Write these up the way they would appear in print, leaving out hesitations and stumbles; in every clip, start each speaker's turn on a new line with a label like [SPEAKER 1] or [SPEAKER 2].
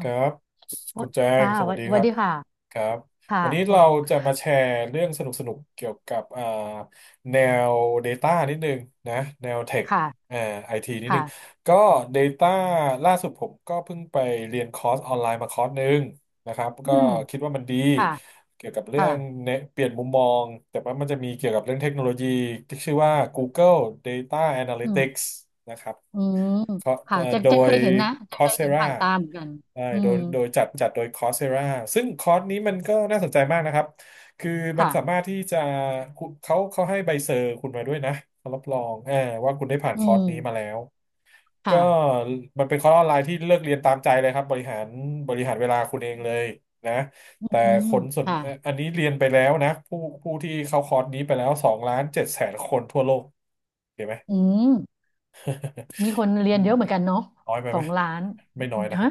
[SPEAKER 1] ครั
[SPEAKER 2] ะ
[SPEAKER 1] บคุณแจง
[SPEAKER 2] ค่ะ
[SPEAKER 1] สวั
[SPEAKER 2] วั
[SPEAKER 1] ส
[SPEAKER 2] น
[SPEAKER 1] ดีค
[SPEAKER 2] วัน
[SPEAKER 1] รับ
[SPEAKER 2] ดีค่ะ
[SPEAKER 1] ครับ
[SPEAKER 2] ค่ะ
[SPEAKER 1] วันนี้เราจะมาแชร์เรื่องสนุกๆเกี่ยวกับแนว Data นิดนึงนะแนวเทค
[SPEAKER 2] ค่ะ
[SPEAKER 1] เอ่อไอทีนิดนึ
[SPEAKER 2] ค่ะ
[SPEAKER 1] งก็ Data ล่าสุดผมก็เพิ่งไปเรียนคอร์สออนไลน์มาคอร์สหนึ่งนะครับ
[SPEAKER 2] อื
[SPEAKER 1] ก็
[SPEAKER 2] ม
[SPEAKER 1] คิดว่ามันดี
[SPEAKER 2] ค่ะ
[SPEAKER 1] เกี่ยวกับเรื่
[SPEAKER 2] ค่ะ
[SPEAKER 1] องเนี่ยเปลี่ยนมุมมองแต่ว่ามันจะมีเกี่ยวกับเรื่องเทคโนโลยีที่ชื่อว่า Google Data
[SPEAKER 2] อืม
[SPEAKER 1] Analytics นะครับ
[SPEAKER 2] อืม
[SPEAKER 1] ขอ
[SPEAKER 2] ค่ะเจน
[SPEAKER 1] โด
[SPEAKER 2] เจนเค
[SPEAKER 1] ย
[SPEAKER 2] ยเห็นนะเจนเคยเห็น
[SPEAKER 1] Coursera
[SPEAKER 2] ผ่านตาเหมือนกัน
[SPEAKER 1] ใช่
[SPEAKER 2] อื
[SPEAKER 1] โด
[SPEAKER 2] ม
[SPEAKER 1] ยจัดโดย Coursera ซึ่งคอร์สนี้มันก็น่าสนใจมากนะครับ คือมัน
[SPEAKER 2] ค่ะ
[SPEAKER 1] สามารถที่จะคุณเขาให้ใบเซอร์คุณมาด้วยนะเขารับรองว่าคุณได้ผ่าน
[SPEAKER 2] อื
[SPEAKER 1] คอร์ส
[SPEAKER 2] ม
[SPEAKER 1] นี้มาแล้ว ก็
[SPEAKER 2] ค่ะ
[SPEAKER 1] มันเป็นคอร์สออนไลน์ที่เลือกเรียนตามใจเลยครับบริหารเวลาคุณเองเลยนะ
[SPEAKER 2] อื
[SPEAKER 1] แต่
[SPEAKER 2] ม
[SPEAKER 1] คนส่วน
[SPEAKER 2] ค่ะ
[SPEAKER 1] อันนี้เรียนไปแล้วนะ ผู้ที่เข้าคอร์สนี้ไปแล้วสองล้านเจ็ดแสนคนทั่วโลกเห็นไหม
[SPEAKER 2] อืมมีคนเรี
[SPEAKER 1] อื
[SPEAKER 2] ยน
[SPEAKER 1] ม
[SPEAKER 2] เยอะเหมือนกันเนาะ
[SPEAKER 1] น้อยไป
[SPEAKER 2] สอ
[SPEAKER 1] ไหม
[SPEAKER 2] งล้าน
[SPEAKER 1] ไม่น้อยนะค
[SPEAKER 2] ฮะ
[SPEAKER 1] รับ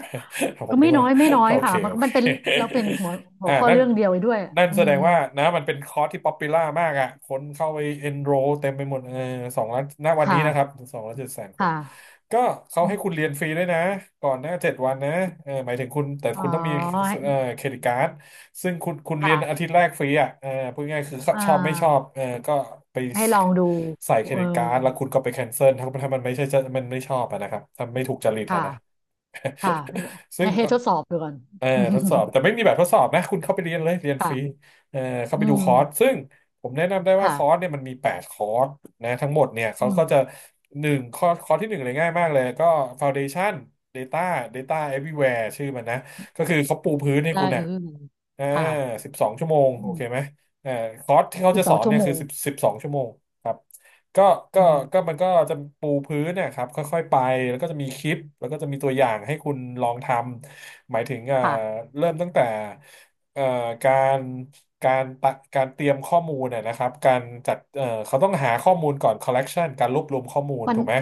[SPEAKER 1] ผ
[SPEAKER 2] ก็
[SPEAKER 1] มนึ
[SPEAKER 2] ไม่
[SPEAKER 1] ก
[SPEAKER 2] น้
[SPEAKER 1] ว่า
[SPEAKER 2] อยไม่น้อ ย
[SPEAKER 1] โอเค
[SPEAKER 2] ค่ะมัน
[SPEAKER 1] โอ
[SPEAKER 2] มั
[SPEAKER 1] เค
[SPEAKER 2] นเป็นเราเป็นหัว หั
[SPEAKER 1] อ่า
[SPEAKER 2] วข้อ
[SPEAKER 1] นั่น
[SPEAKER 2] เรื่องเดียวไปด้วยอื
[SPEAKER 1] แสด
[SPEAKER 2] ม
[SPEAKER 1] งว่านะมันเป็นคอร์สที่ป๊อปปูล่ามากอ่ะคนเข้าไปเอนโรเต็มไปหมดเออ2,000,000 ณวันนี้
[SPEAKER 2] ค่ะ
[SPEAKER 1] นะครับสองล้านเจ็ดแสนค
[SPEAKER 2] ค่
[SPEAKER 1] น
[SPEAKER 2] ะ
[SPEAKER 1] ก็เขา
[SPEAKER 2] อื
[SPEAKER 1] ให้คุณเรียนฟรี
[SPEAKER 2] ม
[SPEAKER 1] ด้วยนะ ก่อนหน้า7 วันนะเออหมายถึงคุณ แต่
[SPEAKER 2] อ๋
[SPEAKER 1] คุณต้องมี
[SPEAKER 2] อ
[SPEAKER 1] เออเครดิตการ์ดซึ่งคุณเรียน
[SPEAKER 2] ค่ะ
[SPEAKER 1] อาทิตย์แรกฟรีอ่ะเออพูดง่ายๆคือ
[SPEAKER 2] อ่
[SPEAKER 1] ชอบไม่ชอบ
[SPEAKER 2] า
[SPEAKER 1] เออก็ไป
[SPEAKER 2] ให้ลองดู
[SPEAKER 1] ใส่เคร
[SPEAKER 2] เออ
[SPEAKER 1] ดิตการ์ดแล้วคุณก็ไปแคนเซิลถ้ามันไม่ใช่จะมันไม่ชอบอะนะครับถ้าไม่ถูกจริตอะ
[SPEAKER 2] ค่ะ
[SPEAKER 1] นะ
[SPEAKER 2] ค่ะ
[SPEAKER 1] ซึ่
[SPEAKER 2] ให้
[SPEAKER 1] ง
[SPEAKER 2] ให้ทดสอบดูก่อน
[SPEAKER 1] เออทดสอบ แต่ไม่มีแบบทดสอบนะคุณเข้าไปเรียนเลยเรียนฟรี
[SPEAKER 2] ค่ะ
[SPEAKER 1] เออเข้า
[SPEAKER 2] อื
[SPEAKER 1] ไปดูคอร์ส
[SPEAKER 2] ม
[SPEAKER 1] ซึ่งผมแนะนำได้ว่าคอร์ส
[SPEAKER 2] ค่ะ
[SPEAKER 1] เนี่ยมันมี8 คอร์สนะทั้งหมดเนี่ย
[SPEAKER 2] อื
[SPEAKER 1] เขา
[SPEAKER 2] ม
[SPEAKER 1] ก็จะหนึ่งคอร์สคอร์สที่หนึ่งเลยง่ายมากเลยก็ Foundation Data Data Everywhere ชื่อมันนะก็คือเขาปูพื้นให้
[SPEAKER 2] ได้
[SPEAKER 1] คุณ
[SPEAKER 2] เอ
[SPEAKER 1] นะ
[SPEAKER 2] อ
[SPEAKER 1] อ่า
[SPEAKER 2] ค่ะ
[SPEAKER 1] สิบสองชั่วโมง
[SPEAKER 2] อื
[SPEAKER 1] โอเคไหม
[SPEAKER 2] ม
[SPEAKER 1] เออคอร์สที่เขา
[SPEAKER 2] สิบ
[SPEAKER 1] จะ
[SPEAKER 2] ส
[SPEAKER 1] ส
[SPEAKER 2] อ
[SPEAKER 1] อ
[SPEAKER 2] ง
[SPEAKER 1] น
[SPEAKER 2] ชั่ว
[SPEAKER 1] เนี่ย
[SPEAKER 2] โม
[SPEAKER 1] คือ
[SPEAKER 2] ง
[SPEAKER 1] สิบสองชั่วโมงครับ ก็
[SPEAKER 2] อื
[SPEAKER 1] ก็
[SPEAKER 2] ม
[SPEAKER 1] มันก็จะปูพื้นนะครับค่อยๆไปแล้วก็จะมีคลิปแล้วก็จะมีตัวอย่างให้คุณลองทำหมายถึง
[SPEAKER 2] ค่ะ
[SPEAKER 1] เริ่มตั้งแต่เอ่อการการตะการเตรียมข้อมูลนะครับการจัดเขาต้องหาข้อมูลก่อน collection การรวบรวมข้อมูล
[SPEAKER 2] มัน
[SPEAKER 1] ถูกไหม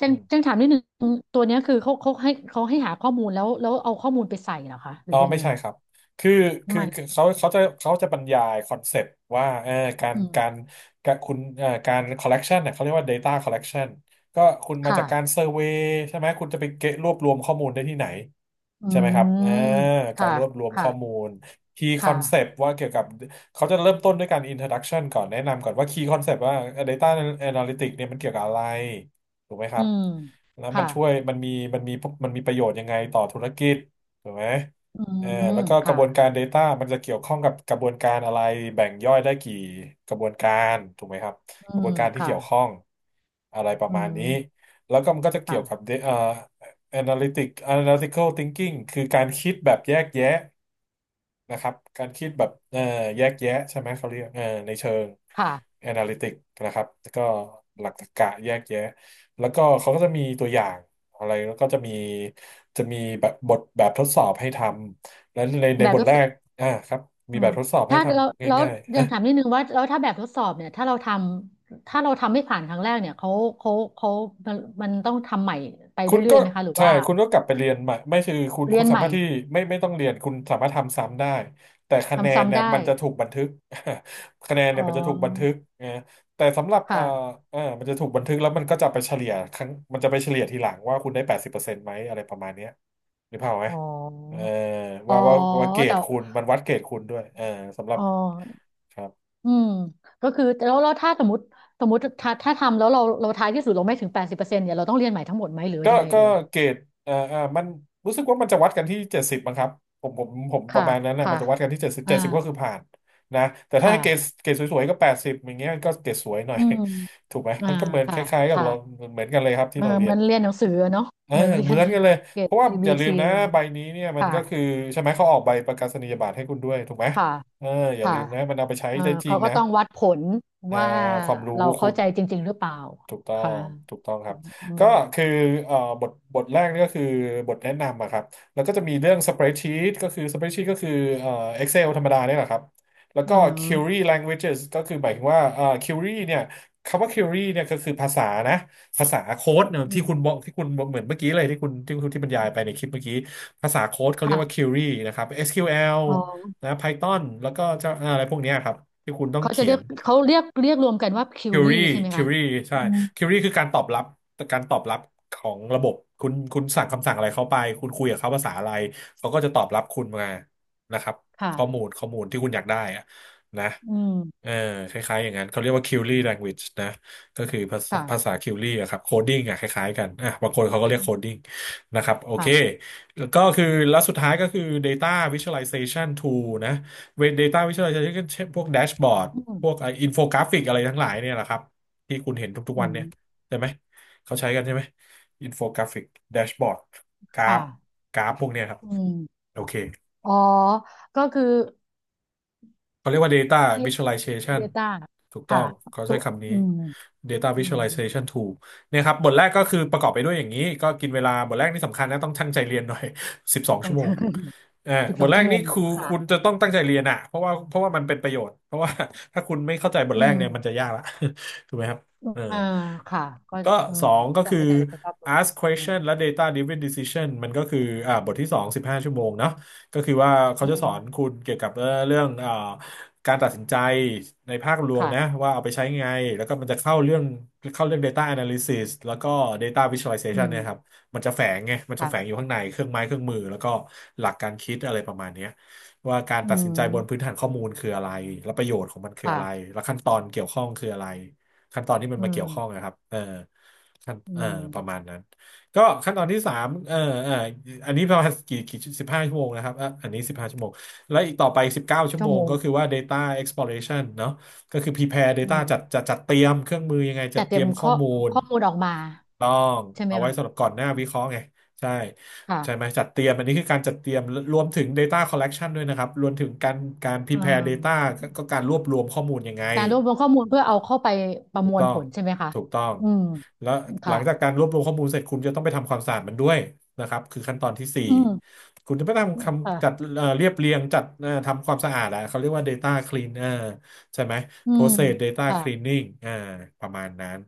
[SPEAKER 2] จังจังถามนิดนึงตัวเนี้ยคือเขาเขาให้เขาให้หาข้อมูลแล้วแล้วเอาข้อมูลไปใส่เหรอคะ หรื
[SPEAKER 1] อ๋
[SPEAKER 2] อ
[SPEAKER 1] อ
[SPEAKER 2] ยัง
[SPEAKER 1] ไม่
[SPEAKER 2] ไง
[SPEAKER 1] ใช่ครับคือ
[SPEAKER 2] ทำไม
[SPEAKER 1] คือเขาจะเขาจะบรรยายคอนเซปต์ว่าเออการ
[SPEAKER 2] อืม
[SPEAKER 1] คุณการ collection เนี่ยเขาเรียกว่า data collection ก็คุณมาจากการเซ
[SPEAKER 2] ค่ะ
[SPEAKER 1] อร์เวย์ใช่ไหมคุณจะไปเก็บรวบรวมข้อมูลได้ที่ไหน
[SPEAKER 2] อื
[SPEAKER 1] ใช่ไหมครับเออ
[SPEAKER 2] ม
[SPEAKER 1] กา
[SPEAKER 2] ค่ะ
[SPEAKER 1] รรวบรวม
[SPEAKER 2] ค่ะ
[SPEAKER 1] ข้อมูล key
[SPEAKER 2] ค่ะ
[SPEAKER 1] concept ว่าเกี่ยวกับเขาจะเริ่มต้นด้วยการ introduction ก่อนแนะนำก่อนว่า key concept ว่า data analytics เนี่ยมันเกี่ยวกับอะไรถูกไหมค
[SPEAKER 2] อื
[SPEAKER 1] รับ
[SPEAKER 2] ม
[SPEAKER 1] แล้วมั
[SPEAKER 2] ค่ะ
[SPEAKER 1] นช่วยมันมีมันมีประโยชน์ยังไงต่อธุรกิจถูกไหม
[SPEAKER 2] อื
[SPEAKER 1] เออ
[SPEAKER 2] ม
[SPEAKER 1] แล้วก็กระ
[SPEAKER 2] ค่ะ
[SPEAKER 1] บวนการ Data มันจะเกี่ยวข้องกับกระบวนการอะไรแบ่งย่อยได้กี่กระบวนการถูกไหมครับ
[SPEAKER 2] อื
[SPEAKER 1] กระบว
[SPEAKER 2] ม
[SPEAKER 1] นการที่
[SPEAKER 2] ค่ะ
[SPEAKER 1] เกี่ยวข้องอะไรประ
[SPEAKER 2] อื
[SPEAKER 1] มาณนี้
[SPEAKER 2] ม
[SPEAKER 1] แล้วก็มันก็จะเกี่ยวกับ
[SPEAKER 2] ค่ะ
[SPEAKER 1] analytic analytical thinking คือการคิดแบบแยกแยะ นะครับการคิดแบบแยกแยะใช่ไหมเขาเรียกในเชิง
[SPEAKER 2] ค่ะ
[SPEAKER 1] แอนาลิติกนะครับแล้วก็หลักตรรกะแยกแยะแล้วก็เขาก็จะมีตัวอย่างอะไรแล้วก็จะมีแบบแบบทดสอบให้ทำแล้วใน
[SPEAKER 2] แบบ
[SPEAKER 1] บ
[SPEAKER 2] ท
[SPEAKER 1] ท
[SPEAKER 2] ด
[SPEAKER 1] แร
[SPEAKER 2] สอบ
[SPEAKER 1] กอ่าครับ
[SPEAKER 2] อื
[SPEAKER 1] มีแบ
[SPEAKER 2] ม
[SPEAKER 1] บทดสอบให้
[SPEAKER 2] ถ้า
[SPEAKER 1] ท
[SPEAKER 2] เรา
[SPEAKER 1] ำ
[SPEAKER 2] แล้ว
[SPEAKER 1] ง่าย
[SPEAKER 2] ยังถามนิดนึงว่าแล้วถ้าแบบทดสอบเนี่ยถ้าเราทำถ้าเราทำไม่ผ่านครั้งแรกเนี่ยเขาเขาเขามันมันต้องทำใหม่ไป
[SPEAKER 1] คุณ
[SPEAKER 2] เรื่อ
[SPEAKER 1] ก็
[SPEAKER 2] ยๆไหมคะหรือ
[SPEAKER 1] ใช่
[SPEAKER 2] ว่า
[SPEAKER 1] คุณก็กลับไปเรียนใหม่ไม่คือคุณ
[SPEAKER 2] เรียน
[SPEAKER 1] สา
[SPEAKER 2] ใหม่
[SPEAKER 1] มารถที่ไม่ต้องเรียนคุณสามารถทำซ้ำได้แต่คะแน
[SPEAKER 2] ทำ
[SPEAKER 1] น
[SPEAKER 2] ซ้ำ
[SPEAKER 1] เนี่ย
[SPEAKER 2] ได้
[SPEAKER 1] มันจะถูกบันทึก คะแนน
[SPEAKER 2] อ๋
[SPEAKER 1] เนี่
[SPEAKER 2] อ
[SPEAKER 1] ยมันจะถูกบันทึกนะแต่สำหรับ
[SPEAKER 2] ค่ะ
[SPEAKER 1] มันจะถูกบันทึกแล้วมันก็จะไปเฉลี่ยครั้งมันจะไปเฉลี่ยทีหลังว่าคุณได้80%ไหมอะไรประมาณเนี้ยหรือเปล่าพออกไหม
[SPEAKER 2] อ๋อ
[SPEAKER 1] เออ
[SPEAKER 2] อ๋อ
[SPEAKER 1] ว่าว่าเกรด
[SPEAKER 2] แต่
[SPEAKER 1] คุณมันวัดเกรดคุณด้วยเออสำหรั
[SPEAKER 2] อ๋
[SPEAKER 1] บ
[SPEAKER 2] อ
[SPEAKER 1] ครับ
[SPEAKER 2] อืมก็คือแล้วแล้วถ้าสมมติสมมติถ้าถ้าทำแล้วเราเราท้ายที่สุดเราไม่ถึงแปดสิบเปอร์เซ็นต์เนี่ยเราต้องเรียนใหม่ทั้งหมดไหมหรือ
[SPEAKER 1] ก็
[SPEAKER 2] ยังไง
[SPEAKER 1] ก็
[SPEAKER 2] เอ่ย
[SPEAKER 1] เกรดมันรู้สึกว่ามันจะวัดกันที่เจ็ดสิบมั้งครับผมป
[SPEAKER 2] ค่ะ
[SPEAKER 1] ระมาณนั้นนะมั
[SPEAKER 2] ค่ะ
[SPEAKER 1] นจะวัดกันที่เจ็ดสิบ
[SPEAKER 2] อ่า
[SPEAKER 1] เจ็ดสิบก็คือผ่านนะแต่ถ้า
[SPEAKER 2] ค่ะ
[SPEAKER 1] เกรดสวยๆก็แปดสิบอย่างเงี้ยมันก็เกรดสวยหน่อย
[SPEAKER 2] อืม
[SPEAKER 1] ถูกไหม
[SPEAKER 2] อ่า
[SPEAKER 1] มันก็เหมือนค
[SPEAKER 2] ค่ะ
[SPEAKER 1] ล้ายๆกับเรา
[SPEAKER 2] ค่ะ
[SPEAKER 1] เหมือนกันเลยครับที่
[SPEAKER 2] เออ
[SPEAKER 1] เราเรี
[SPEAKER 2] เห
[SPEAKER 1] ย
[SPEAKER 2] มือ
[SPEAKER 1] น
[SPEAKER 2] นเรียนหนังสืออะเนาะ
[SPEAKER 1] เออ
[SPEAKER 2] เหมือนเรี
[SPEAKER 1] เห
[SPEAKER 2] ย
[SPEAKER 1] มือน
[SPEAKER 2] น
[SPEAKER 1] กันเลย
[SPEAKER 2] เกร
[SPEAKER 1] เพ
[SPEAKER 2] ด
[SPEAKER 1] ราะ
[SPEAKER 2] A
[SPEAKER 1] ว่าอ
[SPEAKER 2] B
[SPEAKER 1] ย่าลื
[SPEAKER 2] C
[SPEAKER 1] ม
[SPEAKER 2] อย่
[SPEAKER 1] นะ
[SPEAKER 2] ซนี
[SPEAKER 1] ใบนี้เนี่ยมัน
[SPEAKER 2] ค่ะ
[SPEAKER 1] ก็คือใช่ไหมเขาออกใบประกาศนียบัตรให้คุณด้วยถูกไหม
[SPEAKER 2] ค่ะ
[SPEAKER 1] เอออย่า
[SPEAKER 2] ค่ะ
[SPEAKER 1] ลืมนะมันเอาไปใช้
[SPEAKER 2] เออ
[SPEAKER 1] ได้จริ
[SPEAKER 2] เขา
[SPEAKER 1] ง
[SPEAKER 2] ก็
[SPEAKER 1] นะ
[SPEAKER 2] ต้องวัดผล
[SPEAKER 1] อ่า
[SPEAKER 2] ว่า
[SPEAKER 1] ความรู้
[SPEAKER 2] เรา
[SPEAKER 1] คุ
[SPEAKER 2] เข้า
[SPEAKER 1] ณ
[SPEAKER 2] ใจจริงๆหรือเปล่า
[SPEAKER 1] ถูกต้อ
[SPEAKER 2] ค่ะ
[SPEAKER 1] ง ถูกต้องครับ
[SPEAKER 2] อื
[SPEAKER 1] ก็
[SPEAKER 2] ม
[SPEAKER 1] คือบทแรกนี่ก็คือบทแนะนำอะครับ แล้วก็จะมีเรื่อง spreadsheet ก็คือ spreadsheet ก็คือเอ่อ Excel ธรรมดาเนี่ยแหละครับ แล้ว
[SPEAKER 2] เ
[SPEAKER 1] ก็ query
[SPEAKER 2] ออ
[SPEAKER 1] languages ก็คือหมายถึงว่าquery เนี่ยคำว่า query เนี่ยก็คือภาษานะภาษาโค้ดเนี่ย
[SPEAKER 2] อื
[SPEAKER 1] ที่
[SPEAKER 2] ม
[SPEAKER 1] คุณบอกที่คุณเหมือนเมื่อกี้เลยที่คุณที่บรรยายไปในคลิปเมื่อกี้ ภาษาโค้ดเขาเรียกว่า
[SPEAKER 2] ค่ะ
[SPEAKER 1] query นะครับ SQL
[SPEAKER 2] อ๋อ
[SPEAKER 1] นะ Python แล้วก็จะอะไรพวกเนี้ยครับที่คุณต้อง
[SPEAKER 2] เขาจะ
[SPEAKER 1] เขีย
[SPEAKER 2] เรียก
[SPEAKER 1] น
[SPEAKER 2] เขาเรียกเรียกรวมกันว่าคิ
[SPEAKER 1] คิ
[SPEAKER 2] ว
[SPEAKER 1] ว
[SPEAKER 2] รี่
[SPEAKER 1] รี่
[SPEAKER 2] ใช่ไหม
[SPEAKER 1] คิว
[SPEAKER 2] คะ
[SPEAKER 1] รี่ใช่
[SPEAKER 2] อืม
[SPEAKER 1] คิวรี่คือการตอบรับการตอบรับของระบบคุณสั่งคำสั่งอะไรเข้าไปคุณคุยกับเขาภาษาอะไรเขาก็จะตอบรับคุณมานะครับ
[SPEAKER 2] ค่ะ
[SPEAKER 1] ข้อมูลข้อมูลที่คุณอยากได้อะนะ
[SPEAKER 2] อืม
[SPEAKER 1] เออคล้ายๆอย่างนั้นเขาเรียกว่า Query language นะก็คือภาษาภา
[SPEAKER 2] ค่ะ
[SPEAKER 1] ษาคิวรี่อะครับโคดิ้งอะคล้ายๆกันอ่ะบางคนเขาก็เรีย
[SPEAKER 2] อื
[SPEAKER 1] กโคดิ้
[SPEAKER 2] ม
[SPEAKER 1] งนะครับโอเค
[SPEAKER 2] ค่ะ
[SPEAKER 1] แล้วก็คือแล้วสุดท้ายก็คือ Data Visualization Tool นะ Data Visualization เช่นพวกแดชบอร์ด
[SPEAKER 2] อืม
[SPEAKER 1] พวกไอ้อินโฟกราฟิกอะไรทั้งหลายเนี่ยแหละครับที่คุณเห็นทุกๆ
[SPEAKER 2] อื
[SPEAKER 1] วันเนี่ย
[SPEAKER 2] ม
[SPEAKER 1] ใช่ไหมเขาใช้กันใช่ไหมอินโฟกราฟิกแดชบอร์ดกรา
[SPEAKER 2] ค่ะ
[SPEAKER 1] ฟกราฟพวกเนี้ยครับ
[SPEAKER 2] อืม
[SPEAKER 1] โอเค
[SPEAKER 2] อ๋อ ก็คือ
[SPEAKER 1] เขาเรียกว่า data
[SPEAKER 2] เย
[SPEAKER 1] visualization
[SPEAKER 2] ต้า
[SPEAKER 1] ถูกต้อ
[SPEAKER 2] ค่ะ
[SPEAKER 1] งเขา
[SPEAKER 2] ตั
[SPEAKER 1] ใช้
[SPEAKER 2] ว
[SPEAKER 1] คำนี้
[SPEAKER 2] อืม
[SPEAKER 1] data
[SPEAKER 2] อืม
[SPEAKER 1] visualization tool เนี่ยครับบทแรกก็คือประกอบไปด้วยอย่างนี้ก็กินเวลาบทแรกนี่สำคัญนะต้องตั้งใจเรียนหน่อย สิบสอง
[SPEAKER 2] ขอ
[SPEAKER 1] ชั่
[SPEAKER 2] ง
[SPEAKER 1] วโม
[SPEAKER 2] เธ
[SPEAKER 1] ง
[SPEAKER 2] อ
[SPEAKER 1] เออ
[SPEAKER 2] สิบ
[SPEAKER 1] บ
[SPEAKER 2] สอ
[SPEAKER 1] ท
[SPEAKER 2] ง
[SPEAKER 1] แร
[SPEAKER 2] ชั่
[SPEAKER 1] ก
[SPEAKER 2] วโม
[SPEAKER 1] นี่
[SPEAKER 2] ง
[SPEAKER 1] คือ
[SPEAKER 2] ค่ะ
[SPEAKER 1] คุณจะต้องตั้งใจเรียนอ่ะเพราะว่ามันเป็นประโยชน์เพราะว่า ถ้าคุณไม่เข้าใจบท
[SPEAKER 2] อื
[SPEAKER 1] แรกเนี่ยมัน
[SPEAKER 2] ม
[SPEAKER 1] จะยากละ ถูกไหมครับเออ
[SPEAKER 2] อ่าค่ะก็
[SPEAKER 1] ก็
[SPEAKER 2] อื
[SPEAKER 1] ส
[SPEAKER 2] ม
[SPEAKER 1] องก็คื
[SPEAKER 2] จำ
[SPEAKER 1] อ
[SPEAKER 2] ไม่ได้เลยสภาพรว
[SPEAKER 1] ask
[SPEAKER 2] อืม
[SPEAKER 1] question และ data driven decision มันก็คืออ่าบทที่สองสิบห้าชั่วโมงเนาะก็คือว่าเขา
[SPEAKER 2] อื
[SPEAKER 1] จะส
[SPEAKER 2] ม
[SPEAKER 1] อนคุณเกี่ยวกับเรื่อง การตัดสินใจในภาครวม
[SPEAKER 2] ค่ะ
[SPEAKER 1] นะว่าเอาไปใช้ไงแล้วก็มันจะเข้าเรื่องเข้าเรื่อง Data Analysis แล้วก็ Data
[SPEAKER 2] อื
[SPEAKER 1] Visualization
[SPEAKER 2] ม
[SPEAKER 1] เนี่ยครับมันจะแฝงไงมันจะแฝงอยู่
[SPEAKER 2] ค่ะ
[SPEAKER 1] ข้างในเครื่องไม้เครื่องมือแล้วก็หลักการคิดอะไรประมาณเนี้ยว่าการ
[SPEAKER 2] อื
[SPEAKER 1] ตัดสินใจบนพื้
[SPEAKER 2] ม
[SPEAKER 1] นฐานข้อมูลคืออะไรและประโยชน์ของมันคืออะ
[SPEAKER 2] ค่ะ
[SPEAKER 1] ไรและขั้นตอนเกี่ยวข้องคืออะไรขั้นตอนที่มัน
[SPEAKER 2] อื
[SPEAKER 1] มาเกี่ยวข้อง
[SPEAKER 2] ม
[SPEAKER 1] นะครับเออขั้น
[SPEAKER 2] อื
[SPEAKER 1] เออประมา
[SPEAKER 2] ม
[SPEAKER 1] ณนั้นก็ขั้นตอนที่สามเออเอออันนี้ประมาณกี่สิบห้าชั่วโมงนะครับอ่ะอันนี้สิบห้าชั่วโมง และอีกต่อไป19ชั่ว
[SPEAKER 2] ชั่
[SPEAKER 1] โม
[SPEAKER 2] วโม
[SPEAKER 1] ง
[SPEAKER 2] ง
[SPEAKER 1] ก็คือว่า data exploration เนอะก็คือ prepare
[SPEAKER 2] อื
[SPEAKER 1] data
[SPEAKER 2] ม
[SPEAKER 1] จัดเตรียมเครื่องมือยังไงจั
[SPEAKER 2] แต่
[SPEAKER 1] ด
[SPEAKER 2] เต
[SPEAKER 1] เต
[SPEAKER 2] รี
[SPEAKER 1] รี
[SPEAKER 2] ย
[SPEAKER 1] ย
[SPEAKER 2] ม
[SPEAKER 1] มข้อ
[SPEAKER 2] ข้อ
[SPEAKER 1] มูล
[SPEAKER 2] ข้อมูลออกมา
[SPEAKER 1] ต้อง
[SPEAKER 2] ใช่ไหม
[SPEAKER 1] เอาไว้
[SPEAKER 2] คะ
[SPEAKER 1] สำหรับก่อนหน้าวิเคราะห์ไงใช่ใช่ไหม
[SPEAKER 2] ค่ะ
[SPEAKER 1] จัดเตรียมอันนี้คือการจัดเตรียมรวมถึง data collection ด้วยนะครับรวมถึงการ
[SPEAKER 2] เอ่
[SPEAKER 1] prepare data
[SPEAKER 2] อ
[SPEAKER 1] ก็การรวบรวมข้อมูลยังไง
[SPEAKER 2] การรวบรวมข้อมูลเพื่อเอาเข้าไปประ
[SPEAKER 1] ถู
[SPEAKER 2] ม
[SPEAKER 1] ก
[SPEAKER 2] วล
[SPEAKER 1] ต้อ
[SPEAKER 2] ผ
[SPEAKER 1] ง
[SPEAKER 2] ลใช่ไหมคะ
[SPEAKER 1] ถูกต้อง
[SPEAKER 2] อืม
[SPEAKER 1] แล้วหลั
[SPEAKER 2] ค่ะ
[SPEAKER 1] งจากการรวบรวมข้อมูลเสร็จคุณจะต้องไปทำความสะอาดมันด้วยนะครับคือขั้นตอนที่สี่
[SPEAKER 2] อืม
[SPEAKER 1] คุณจะไปทำคำจัด
[SPEAKER 2] ค่ะ
[SPEAKER 1] เรียบเรียงจัดทำความสะอาดอะเขาเรียกว่า Data Clean เออใช่ไหม
[SPEAKER 2] อืม
[SPEAKER 1] Process Data
[SPEAKER 2] ค่ะ
[SPEAKER 1] Cleaning อ่าประมาณนั้น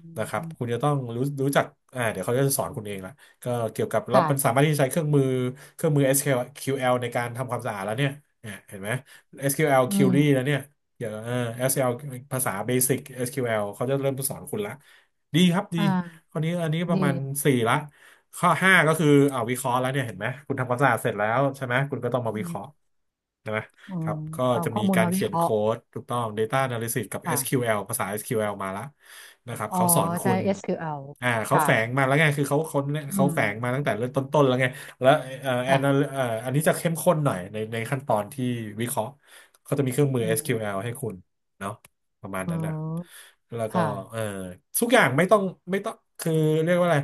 [SPEAKER 2] อื
[SPEAKER 1] นะครับคุณ
[SPEAKER 2] ม
[SPEAKER 1] จะต้องรู้จักอ่าเดี๋ยวเขาจะสอนคุณเองละก็เกี่ยวกับแล้ว
[SPEAKER 2] ค่ะ
[SPEAKER 1] มันสามารถที่จะใช้เครื่องมือเครื่องมือ SQL ในการทำความสะอาดแล้วเนี่ยเนี่ยเห็นไหม SQL
[SPEAKER 2] อืม
[SPEAKER 1] Query แล้วเนี่ย เดี๋ยวเออ s l ภาษาเบสิก SQL เขาจะเริ่มสอนคุณละดีครับดี
[SPEAKER 2] อ่
[SPEAKER 1] ค
[SPEAKER 2] า
[SPEAKER 1] นนี้อันนี้ประ
[SPEAKER 2] ดี
[SPEAKER 1] มาณสี่ละข้อห้าก็คืออ่าวิเคราะห์แล้วเนี่ยเห็นไหมคุณทำความสะอาดเสร็จแล้วใช่ไหมคุณก็ต้องมา
[SPEAKER 2] อื
[SPEAKER 1] วิเค
[SPEAKER 2] ม
[SPEAKER 1] ราะห์ใช่ไหม
[SPEAKER 2] อื
[SPEAKER 1] ค
[SPEAKER 2] ม
[SPEAKER 1] รับก็
[SPEAKER 2] เอา
[SPEAKER 1] จะ
[SPEAKER 2] ข้อ
[SPEAKER 1] มี
[SPEAKER 2] มูล
[SPEAKER 1] การ
[SPEAKER 2] มาวิ
[SPEAKER 1] เขีย
[SPEAKER 2] เค
[SPEAKER 1] น
[SPEAKER 2] ราะ
[SPEAKER 1] โค้
[SPEAKER 2] ห์
[SPEAKER 1] ดถูกต้อง Data Analysis กับ
[SPEAKER 2] ค่ะ
[SPEAKER 1] SQL ภาษา SQL มาละนะครับ
[SPEAKER 2] อ๋อ
[SPEAKER 1] เขาสอนคุ
[SPEAKER 2] ใช้
[SPEAKER 1] ณ
[SPEAKER 2] SQL ควแอลค
[SPEAKER 1] เขาแฝงมา
[SPEAKER 2] ่ะ
[SPEAKER 1] แล้วไงคือเขา
[SPEAKER 2] อื
[SPEAKER 1] เขา
[SPEAKER 2] ม
[SPEAKER 1] แฝงมาตั้งแต่เริ่มต้นๆแล้วไงแล้วแอน
[SPEAKER 2] ค่ะ
[SPEAKER 1] อันนี้จะเข้มข้นหน่อยในขั้นตอนที่วิเคราะห์ เขาจะมีเครื่อ
[SPEAKER 2] อื
[SPEAKER 1] งมือ
[SPEAKER 2] ม
[SPEAKER 1] SQL ให้คุณเนาะประมาณ
[SPEAKER 2] อ๋อ
[SPEAKER 1] นั้นแหละแล้วก็
[SPEAKER 2] ค่ะ
[SPEAKER 1] เออทุกอย่างไม่ต้องไม่ต้องคือเรียกว่าอะไร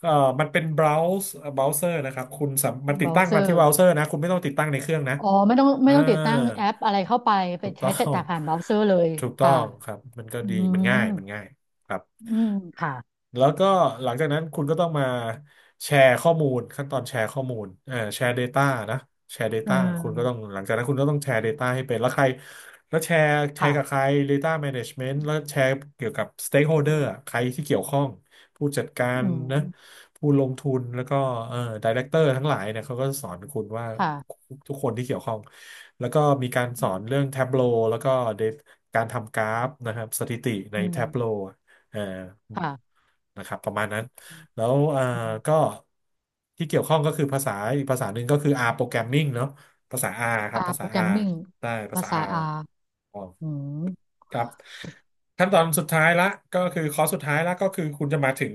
[SPEAKER 1] เออมันเป็น browser นะครับคุณสามมันติ
[SPEAKER 2] เบ
[SPEAKER 1] ด
[SPEAKER 2] รา
[SPEAKER 1] ตั้
[SPEAKER 2] ว์
[SPEAKER 1] ง
[SPEAKER 2] เซ
[SPEAKER 1] มา
[SPEAKER 2] อ
[SPEAKER 1] ที่
[SPEAKER 2] ร์
[SPEAKER 1] browser นะคุณไม่ต้องติดตั้งในเครื่องนะ
[SPEAKER 2] อ๋อ ไม่ต้องไม่
[SPEAKER 1] อ่า
[SPEAKER 2] ต้องติดตั้งแอปอะไรเข้าไป ไป
[SPEAKER 1] ถูกต้
[SPEAKER 2] ใช้
[SPEAKER 1] อ
[SPEAKER 2] จัดแต่
[SPEAKER 1] ง
[SPEAKER 2] ผ่านเบราว์เซอร์เลย
[SPEAKER 1] ถูกต้อ
[SPEAKER 2] ค่ะ
[SPEAKER 1] งครับมันก็
[SPEAKER 2] อื
[SPEAKER 1] ดี
[SPEAKER 2] ม
[SPEAKER 1] มันง่ายครับ
[SPEAKER 2] อืม ค่ะ
[SPEAKER 1] แล้วก็หลังจากนั้นคุณก็ต้องมาแชร์ข้อมูลขั้นตอนแชร์ข้อมูลแชร์ Data นะแชร์
[SPEAKER 2] อื
[SPEAKER 1] Data คุณก็ต้อง
[SPEAKER 2] ม
[SPEAKER 1] หลังจากนั้นคุณก็ต้องแชร์ Data ให้เป็นแล้วใครแล้วแชร์แชร์กับใค
[SPEAKER 2] ค่ะ
[SPEAKER 1] ร Data Management แล้วแชร์เกี่ยวกับ
[SPEAKER 2] อื
[SPEAKER 1] Stakeholder
[SPEAKER 2] ม
[SPEAKER 1] อะใครที่เกี่ยวข้องผู้จัดการ
[SPEAKER 2] อื
[SPEAKER 1] นะ
[SPEAKER 2] ม
[SPEAKER 1] ผู้ลงทุนแล้วก็เอ่อ Director ทั้งหลายเนี่ยเขาก็สอนคุณว่า
[SPEAKER 2] ค่ะ
[SPEAKER 1] ทุกคนที่เกี่ยวข้องแล้วก็มีการส
[SPEAKER 2] อื
[SPEAKER 1] อนเรื่
[SPEAKER 2] ม
[SPEAKER 1] อง Tableau แล้วก็ Dat- การทำกราฟนะครับสถิติใน
[SPEAKER 2] อืม
[SPEAKER 1] Tableau เอ่อ
[SPEAKER 2] ค่ะ
[SPEAKER 1] นะครับประมาณนั้นแล้ว
[SPEAKER 2] อืม
[SPEAKER 1] ก็ที่เกี่ยวข้องก็คือภาษาอีกภาษาหนึ่งก็คือ R programming เนาะภาษา R ครับ
[SPEAKER 2] R
[SPEAKER 1] ภาษา R
[SPEAKER 2] programming
[SPEAKER 1] ได้ภา
[SPEAKER 2] ภา
[SPEAKER 1] ษา
[SPEAKER 2] ษา
[SPEAKER 1] R
[SPEAKER 2] R
[SPEAKER 1] อ๋อ
[SPEAKER 2] อืม
[SPEAKER 1] ครับขั้นตอนสุดท้ายละก็คือคอร์สสุดท้ายละก็คือคุณจะมาถึง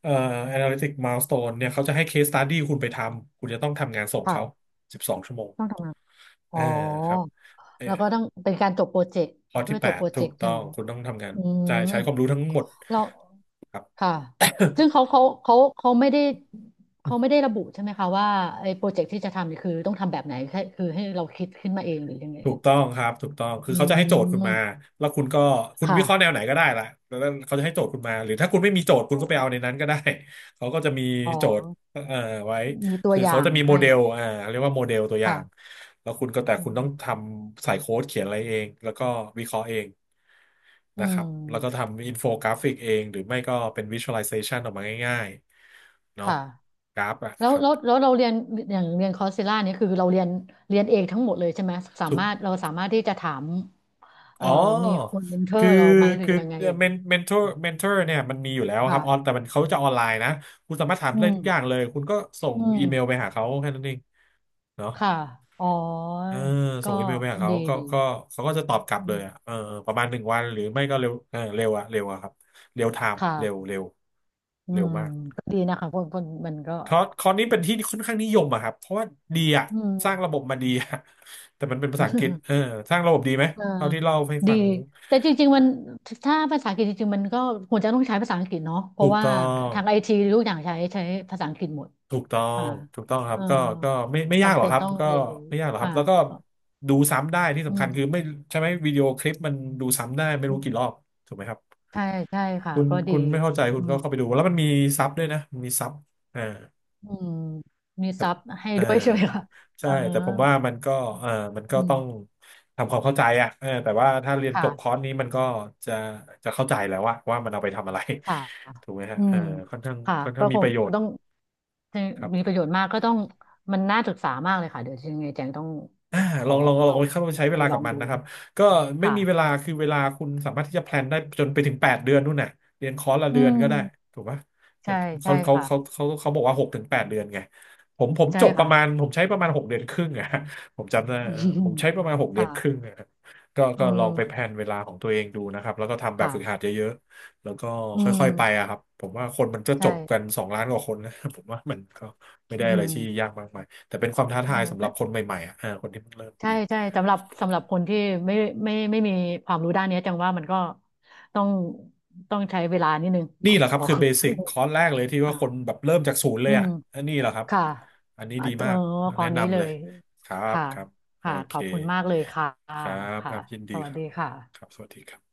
[SPEAKER 1] เอ่อ analytic milestone เนี่ยเขาจะให้ case study คุณไปทำคุณจะต้องทำงานส่งเขา
[SPEAKER 2] ค่ะ
[SPEAKER 1] 12 ชั่วโมงชั่วโมง
[SPEAKER 2] ต้องทำงาน
[SPEAKER 1] เอ
[SPEAKER 2] อ๋อ
[SPEAKER 1] อครับเออ
[SPEAKER 2] แล้วก็ต้องเป็นการจบโปรเจกต์
[SPEAKER 1] ข้อ
[SPEAKER 2] เพื่
[SPEAKER 1] ที่
[SPEAKER 2] อจบ
[SPEAKER 1] ข้อที่ 8
[SPEAKER 2] โปร
[SPEAKER 1] ถู
[SPEAKER 2] เจก
[SPEAKER 1] ก
[SPEAKER 2] ต์ใช่
[SPEAKER 1] ต้อ
[SPEAKER 2] ไหม
[SPEAKER 1] ง
[SPEAKER 2] คะ
[SPEAKER 1] คุณต้องทำงาน
[SPEAKER 2] อื
[SPEAKER 1] ใช่
[SPEAKER 2] ม
[SPEAKER 1] ใช้ความรู้ทั้งหมด
[SPEAKER 2] เรา
[SPEAKER 1] ครับ
[SPEAKER 2] ค่ะซึ่งเขาเขาเขาเขาไม่ได้เขาไม่ได้ระบุใช่ไหมคะว่าไอ้โปรเจกต์ที่จะทำเนี่ยคือต้องทำแบบไหนแค่คือให้เราคิดขึ้นมาเองหรือยังไง
[SPEAKER 1] ถู
[SPEAKER 2] เอ่
[SPEAKER 1] ก
[SPEAKER 2] ย
[SPEAKER 1] ต้องครับถูกต้องคือ
[SPEAKER 2] อื
[SPEAKER 1] เขาจะให้โจทย์คุณมา
[SPEAKER 2] ม
[SPEAKER 1] แล้วคุณก็คุณวิ
[SPEAKER 2] ค่ะ
[SPEAKER 1] เคราะห์แนวไหนก็ได้ละแล้วเขาจะให้โจทย์คุณมาหรือถ้าคุณไม่มีโจทย์คุณ
[SPEAKER 2] อ
[SPEAKER 1] ก็ไปเอา
[SPEAKER 2] ม
[SPEAKER 1] ในนั้นก็ได้ เขาก็จะมี
[SPEAKER 2] อ๋อ
[SPEAKER 1] โจทย์ไว้
[SPEAKER 2] มีตัว
[SPEAKER 1] คือ
[SPEAKER 2] อ
[SPEAKER 1] เขา
[SPEAKER 2] ย่าง
[SPEAKER 1] จะมีโม
[SPEAKER 2] ให้
[SPEAKER 1] เดลเรียกว่าโมเดลตัวอย่า
[SPEAKER 2] ค่ะ
[SPEAKER 1] งแล้วคุณก็แต่
[SPEAKER 2] อื
[SPEAKER 1] คุณต้อง
[SPEAKER 2] ม
[SPEAKER 1] ทำใส่โค้ดเขียนอะไรเองแล้วก็วิเคราะห์เอง
[SPEAKER 2] อื
[SPEAKER 1] นะครับแล้วก็
[SPEAKER 2] ม
[SPEAKER 1] ทำอินโฟกราฟิกเองหรือไม่ก็เป็นวิชวลไลเซชันออกมาง่ายๆเนาะ
[SPEAKER 2] ค่ะ
[SPEAKER 1] กราฟอะ
[SPEAKER 2] แล้
[SPEAKER 1] ค
[SPEAKER 2] ว
[SPEAKER 1] รับ
[SPEAKER 2] แล้วแล้วเราเรียนอย่างเรียนคอร์สเซล่าเนี่ยคือเราเรียนเรียนเองทั้งหมดเลยใช่ไหมสามารถเราสามารถที่จะถาม เอ่
[SPEAKER 1] อ๋
[SPEAKER 2] อ
[SPEAKER 1] อ
[SPEAKER 2] มีคนเมนเทอ
[SPEAKER 1] คือ
[SPEAKER 2] ร์เราไหมหรือ
[SPEAKER 1] คือ
[SPEAKER 2] ยังไงเอ่ย
[SPEAKER 1] เมนเทอร์เนี่ยมันมีอยู่แล้วครับออน
[SPEAKER 2] ค่ะ
[SPEAKER 1] แต่มันเขาจะออนไลน์นะคุณสามารถถาม
[SPEAKER 2] อื
[SPEAKER 1] ได้ทุกอย่าง
[SPEAKER 2] ม
[SPEAKER 1] เลยคุณก็ส่ง
[SPEAKER 2] อื
[SPEAKER 1] อีเมลไป
[SPEAKER 2] ม
[SPEAKER 1] หาเขาแค่นั้นเองเนาะ
[SPEAKER 2] ค่ะอ๋อ
[SPEAKER 1] เออส่
[SPEAKER 2] ก็
[SPEAKER 1] งอีเมลไปหาเขา
[SPEAKER 2] ดี
[SPEAKER 1] ก็
[SPEAKER 2] ดี
[SPEAKER 1] ก็เขาก็จะตอบกลับ
[SPEAKER 2] อื
[SPEAKER 1] เลย
[SPEAKER 2] ม
[SPEAKER 1] อะประมาณหนึ่งวันหรือไม่ก็เร็วเร็วอะเร็วอะครับเร็วไทม์เร็ว
[SPEAKER 2] ค่ะ
[SPEAKER 1] เร็ว
[SPEAKER 2] อื
[SPEAKER 1] เร็ว
[SPEAKER 2] ม
[SPEAKER 1] มาก
[SPEAKER 2] ก็ดีนะคะคนคนมันก็
[SPEAKER 1] คอร์สนี้เป็นที่ค่อนข้างนิยมอะครับเพราะว่าดีอะ
[SPEAKER 2] อืม
[SPEAKER 1] สร้างระบบมาดีอะแต่มันเป็นภาษาอังกฤษสร้างระบบดีไหม
[SPEAKER 2] เออ
[SPEAKER 1] เท่าที่เล่าให้
[SPEAKER 2] ดี
[SPEAKER 1] ฟัง
[SPEAKER 2] แต่จริงๆมันถ้าภาษาอังกฤษจริงๆมันก็ควรจะต้องใช้ภาษาอังกฤษเนาะเพ
[SPEAKER 1] ถู
[SPEAKER 2] ราะ
[SPEAKER 1] ก
[SPEAKER 2] ว่า
[SPEAKER 1] ต้อง
[SPEAKER 2] ทางไอทีทุกอย่างใช้ใช้ภาษาอังกฤษหมด
[SPEAKER 1] ถูกต้อง
[SPEAKER 2] ค่ะ
[SPEAKER 1] ถูกต้องครั
[SPEAKER 2] เอ
[SPEAKER 1] บ
[SPEAKER 2] อ
[SPEAKER 1] ก็ก็ไม่ยาก
[SPEAKER 2] จำ
[SPEAKER 1] หรอก
[SPEAKER 2] เป็น
[SPEAKER 1] ครับ
[SPEAKER 2] ต้อง
[SPEAKER 1] ก็
[SPEAKER 2] เรียนรู้
[SPEAKER 1] ไม่ยากหรอกครับ
[SPEAKER 2] ค่ะ
[SPEAKER 1] แล้วก็ดูซ้ำได้ที่
[SPEAKER 2] อื
[SPEAKER 1] สำคัญคือ
[SPEAKER 2] ม
[SPEAKER 1] ไม่ใช่ไหมวิดีโอคลิปมันดูซ้ำได้ไม่รู้กี่รอบถูกไหมครับ
[SPEAKER 2] ใช่ใช่ค่ะ
[SPEAKER 1] คุณ
[SPEAKER 2] ก็ดี
[SPEAKER 1] คุณไม่เข้าใจคุ
[SPEAKER 2] อื
[SPEAKER 1] ณ
[SPEAKER 2] ม
[SPEAKER 1] ก็เข้าไปดูแล้วมันมีซับด้วยนะมันมีซับอ่า
[SPEAKER 2] อืมมี
[SPEAKER 1] แต่
[SPEAKER 2] ซับให้
[SPEAKER 1] เออ
[SPEAKER 2] ด้วยใช่ไหมคะเอ
[SPEAKER 1] ใช่
[SPEAKER 2] อ
[SPEAKER 1] แต่ผมว่ามันก็เออมันก็
[SPEAKER 2] อื
[SPEAKER 1] ต้
[SPEAKER 2] ม
[SPEAKER 1] องทำความเข้าใจอ่ะเออแต่ว่าถ้าเรียนจบคอ
[SPEAKER 2] ค่ะ
[SPEAKER 1] ร์สนี้มันก็จะจะเข้าใจแล้วว่าว่ามันเอาไปทำอะไร
[SPEAKER 2] ค่ะ
[SPEAKER 1] ถูกไหมฮะ
[SPEAKER 2] อืม
[SPEAKER 1] ค่อนข้าง
[SPEAKER 2] ค่ะ
[SPEAKER 1] ค่อนข้า
[SPEAKER 2] ก็
[SPEAKER 1] งมี
[SPEAKER 2] ค
[SPEAKER 1] ป
[SPEAKER 2] ง
[SPEAKER 1] ระโยชน์
[SPEAKER 2] ต้อง
[SPEAKER 1] ครับ
[SPEAKER 2] มีประโยชน์มากก็ต้องมันน่าศึกษามากเลยค่ะเดี๋ยวยังไงแจงต้อง
[SPEAKER 1] อ่า
[SPEAKER 2] ข
[SPEAKER 1] ล
[SPEAKER 2] อ
[SPEAKER 1] องลองลอ
[SPEAKER 2] เข้า
[SPEAKER 1] งไปเข้าใช้เว
[SPEAKER 2] ไป
[SPEAKER 1] ลา
[SPEAKER 2] ลอ
[SPEAKER 1] กับ
[SPEAKER 2] ง
[SPEAKER 1] มัน
[SPEAKER 2] ดู
[SPEAKER 1] นะครับก็ไม่มีเว
[SPEAKER 2] ค่ะ
[SPEAKER 1] ลาคือเวลาคุณสามารถที่จะแพลนได้จนไปถึงแปดเดือนนู่นน่ะเรียนคอร์สละ
[SPEAKER 2] อื
[SPEAKER 1] เดือนก็ได้
[SPEAKER 2] ม
[SPEAKER 1] ถูกปะเนี่ย
[SPEAKER 2] ใช่ใช่ค่ะ
[SPEAKER 1] เขาบอกว่าหกถึงแปดเดือนไงผม
[SPEAKER 2] ใช่
[SPEAKER 1] จบป
[SPEAKER 2] ค่ะ
[SPEAKER 1] ระมาณผมใช้ประมาณหกเดือนครึ่งอะ ผมจำได้
[SPEAKER 2] อื
[SPEAKER 1] ผ
[SPEAKER 2] ม
[SPEAKER 1] มใช้ประมาณหกเดือนครึ่
[SPEAKER 2] ค่ะ
[SPEAKER 1] งอะก็
[SPEAKER 2] อื
[SPEAKER 1] ก็ลอง
[SPEAKER 2] ม
[SPEAKER 1] ไปแพลนเวลาของตัวเองดูนะครับแล้วก็ทำแบบ
[SPEAKER 2] ค่ะ
[SPEAKER 1] ฝึกหัดเยอะๆแล้วก็
[SPEAKER 2] อื
[SPEAKER 1] ค่อยๆไปอะ
[SPEAKER 2] ม
[SPEAKER 1] ครับผมว่าคนมันจะจบกัน
[SPEAKER 2] ใช่
[SPEAKER 1] สองล้านกว่าคนนะ ผมว่ามันก็ไม่ได้
[SPEAKER 2] อื
[SPEAKER 1] อะไร
[SPEAKER 2] ม
[SPEAKER 1] ที่ยากมากมาย แต่เป็นความท้าทา
[SPEAKER 2] เนี่
[SPEAKER 1] ย
[SPEAKER 2] ย
[SPEAKER 1] สำห
[SPEAKER 2] เป็
[SPEAKER 1] รับ
[SPEAKER 2] น
[SPEAKER 1] คนใหม่ๆอ่ะคนที่เพิ่งเริ่ม
[SPEAKER 2] ใช่
[SPEAKER 1] เรียน
[SPEAKER 2] ใช่สำหรับสำหรับคนที่ไม่ไม่ไม่มีความรู้ด้านเนี้ยจังว่ามันก็ต้องต้องใช้เวลานิดนึงข
[SPEAKER 1] นี่แหละครับ
[SPEAKER 2] อ
[SPEAKER 1] คือเบสิกคอร์สแรกเลยที่ ว่าคน
[SPEAKER 2] ค่ะ
[SPEAKER 1] แบบเริ่มจากศูนย์เล
[SPEAKER 2] อื
[SPEAKER 1] ยอ่ะ
[SPEAKER 2] ม
[SPEAKER 1] อันนี้แหละครับ
[SPEAKER 2] ค่ะ
[SPEAKER 1] อันนี้
[SPEAKER 2] อ่ะ
[SPEAKER 1] ดี
[SPEAKER 2] เออ
[SPEAKER 1] มาก
[SPEAKER 2] ขอ
[SPEAKER 1] แนะ
[SPEAKER 2] นี้เล
[SPEAKER 1] นำเลย
[SPEAKER 2] ย
[SPEAKER 1] ครับ
[SPEAKER 2] ค่ะ
[SPEAKER 1] ครับโอ
[SPEAKER 2] ค่ะข
[SPEAKER 1] เค
[SPEAKER 2] อบคุณมากเลยค่ะ
[SPEAKER 1] ครับค
[SPEAKER 2] ค่ะ
[SPEAKER 1] รับยิน
[SPEAKER 2] ส
[SPEAKER 1] ดี
[SPEAKER 2] วัส
[SPEAKER 1] ครั
[SPEAKER 2] ดี
[SPEAKER 1] บ
[SPEAKER 2] ค่ะ
[SPEAKER 1] ครับสวัสดีครับ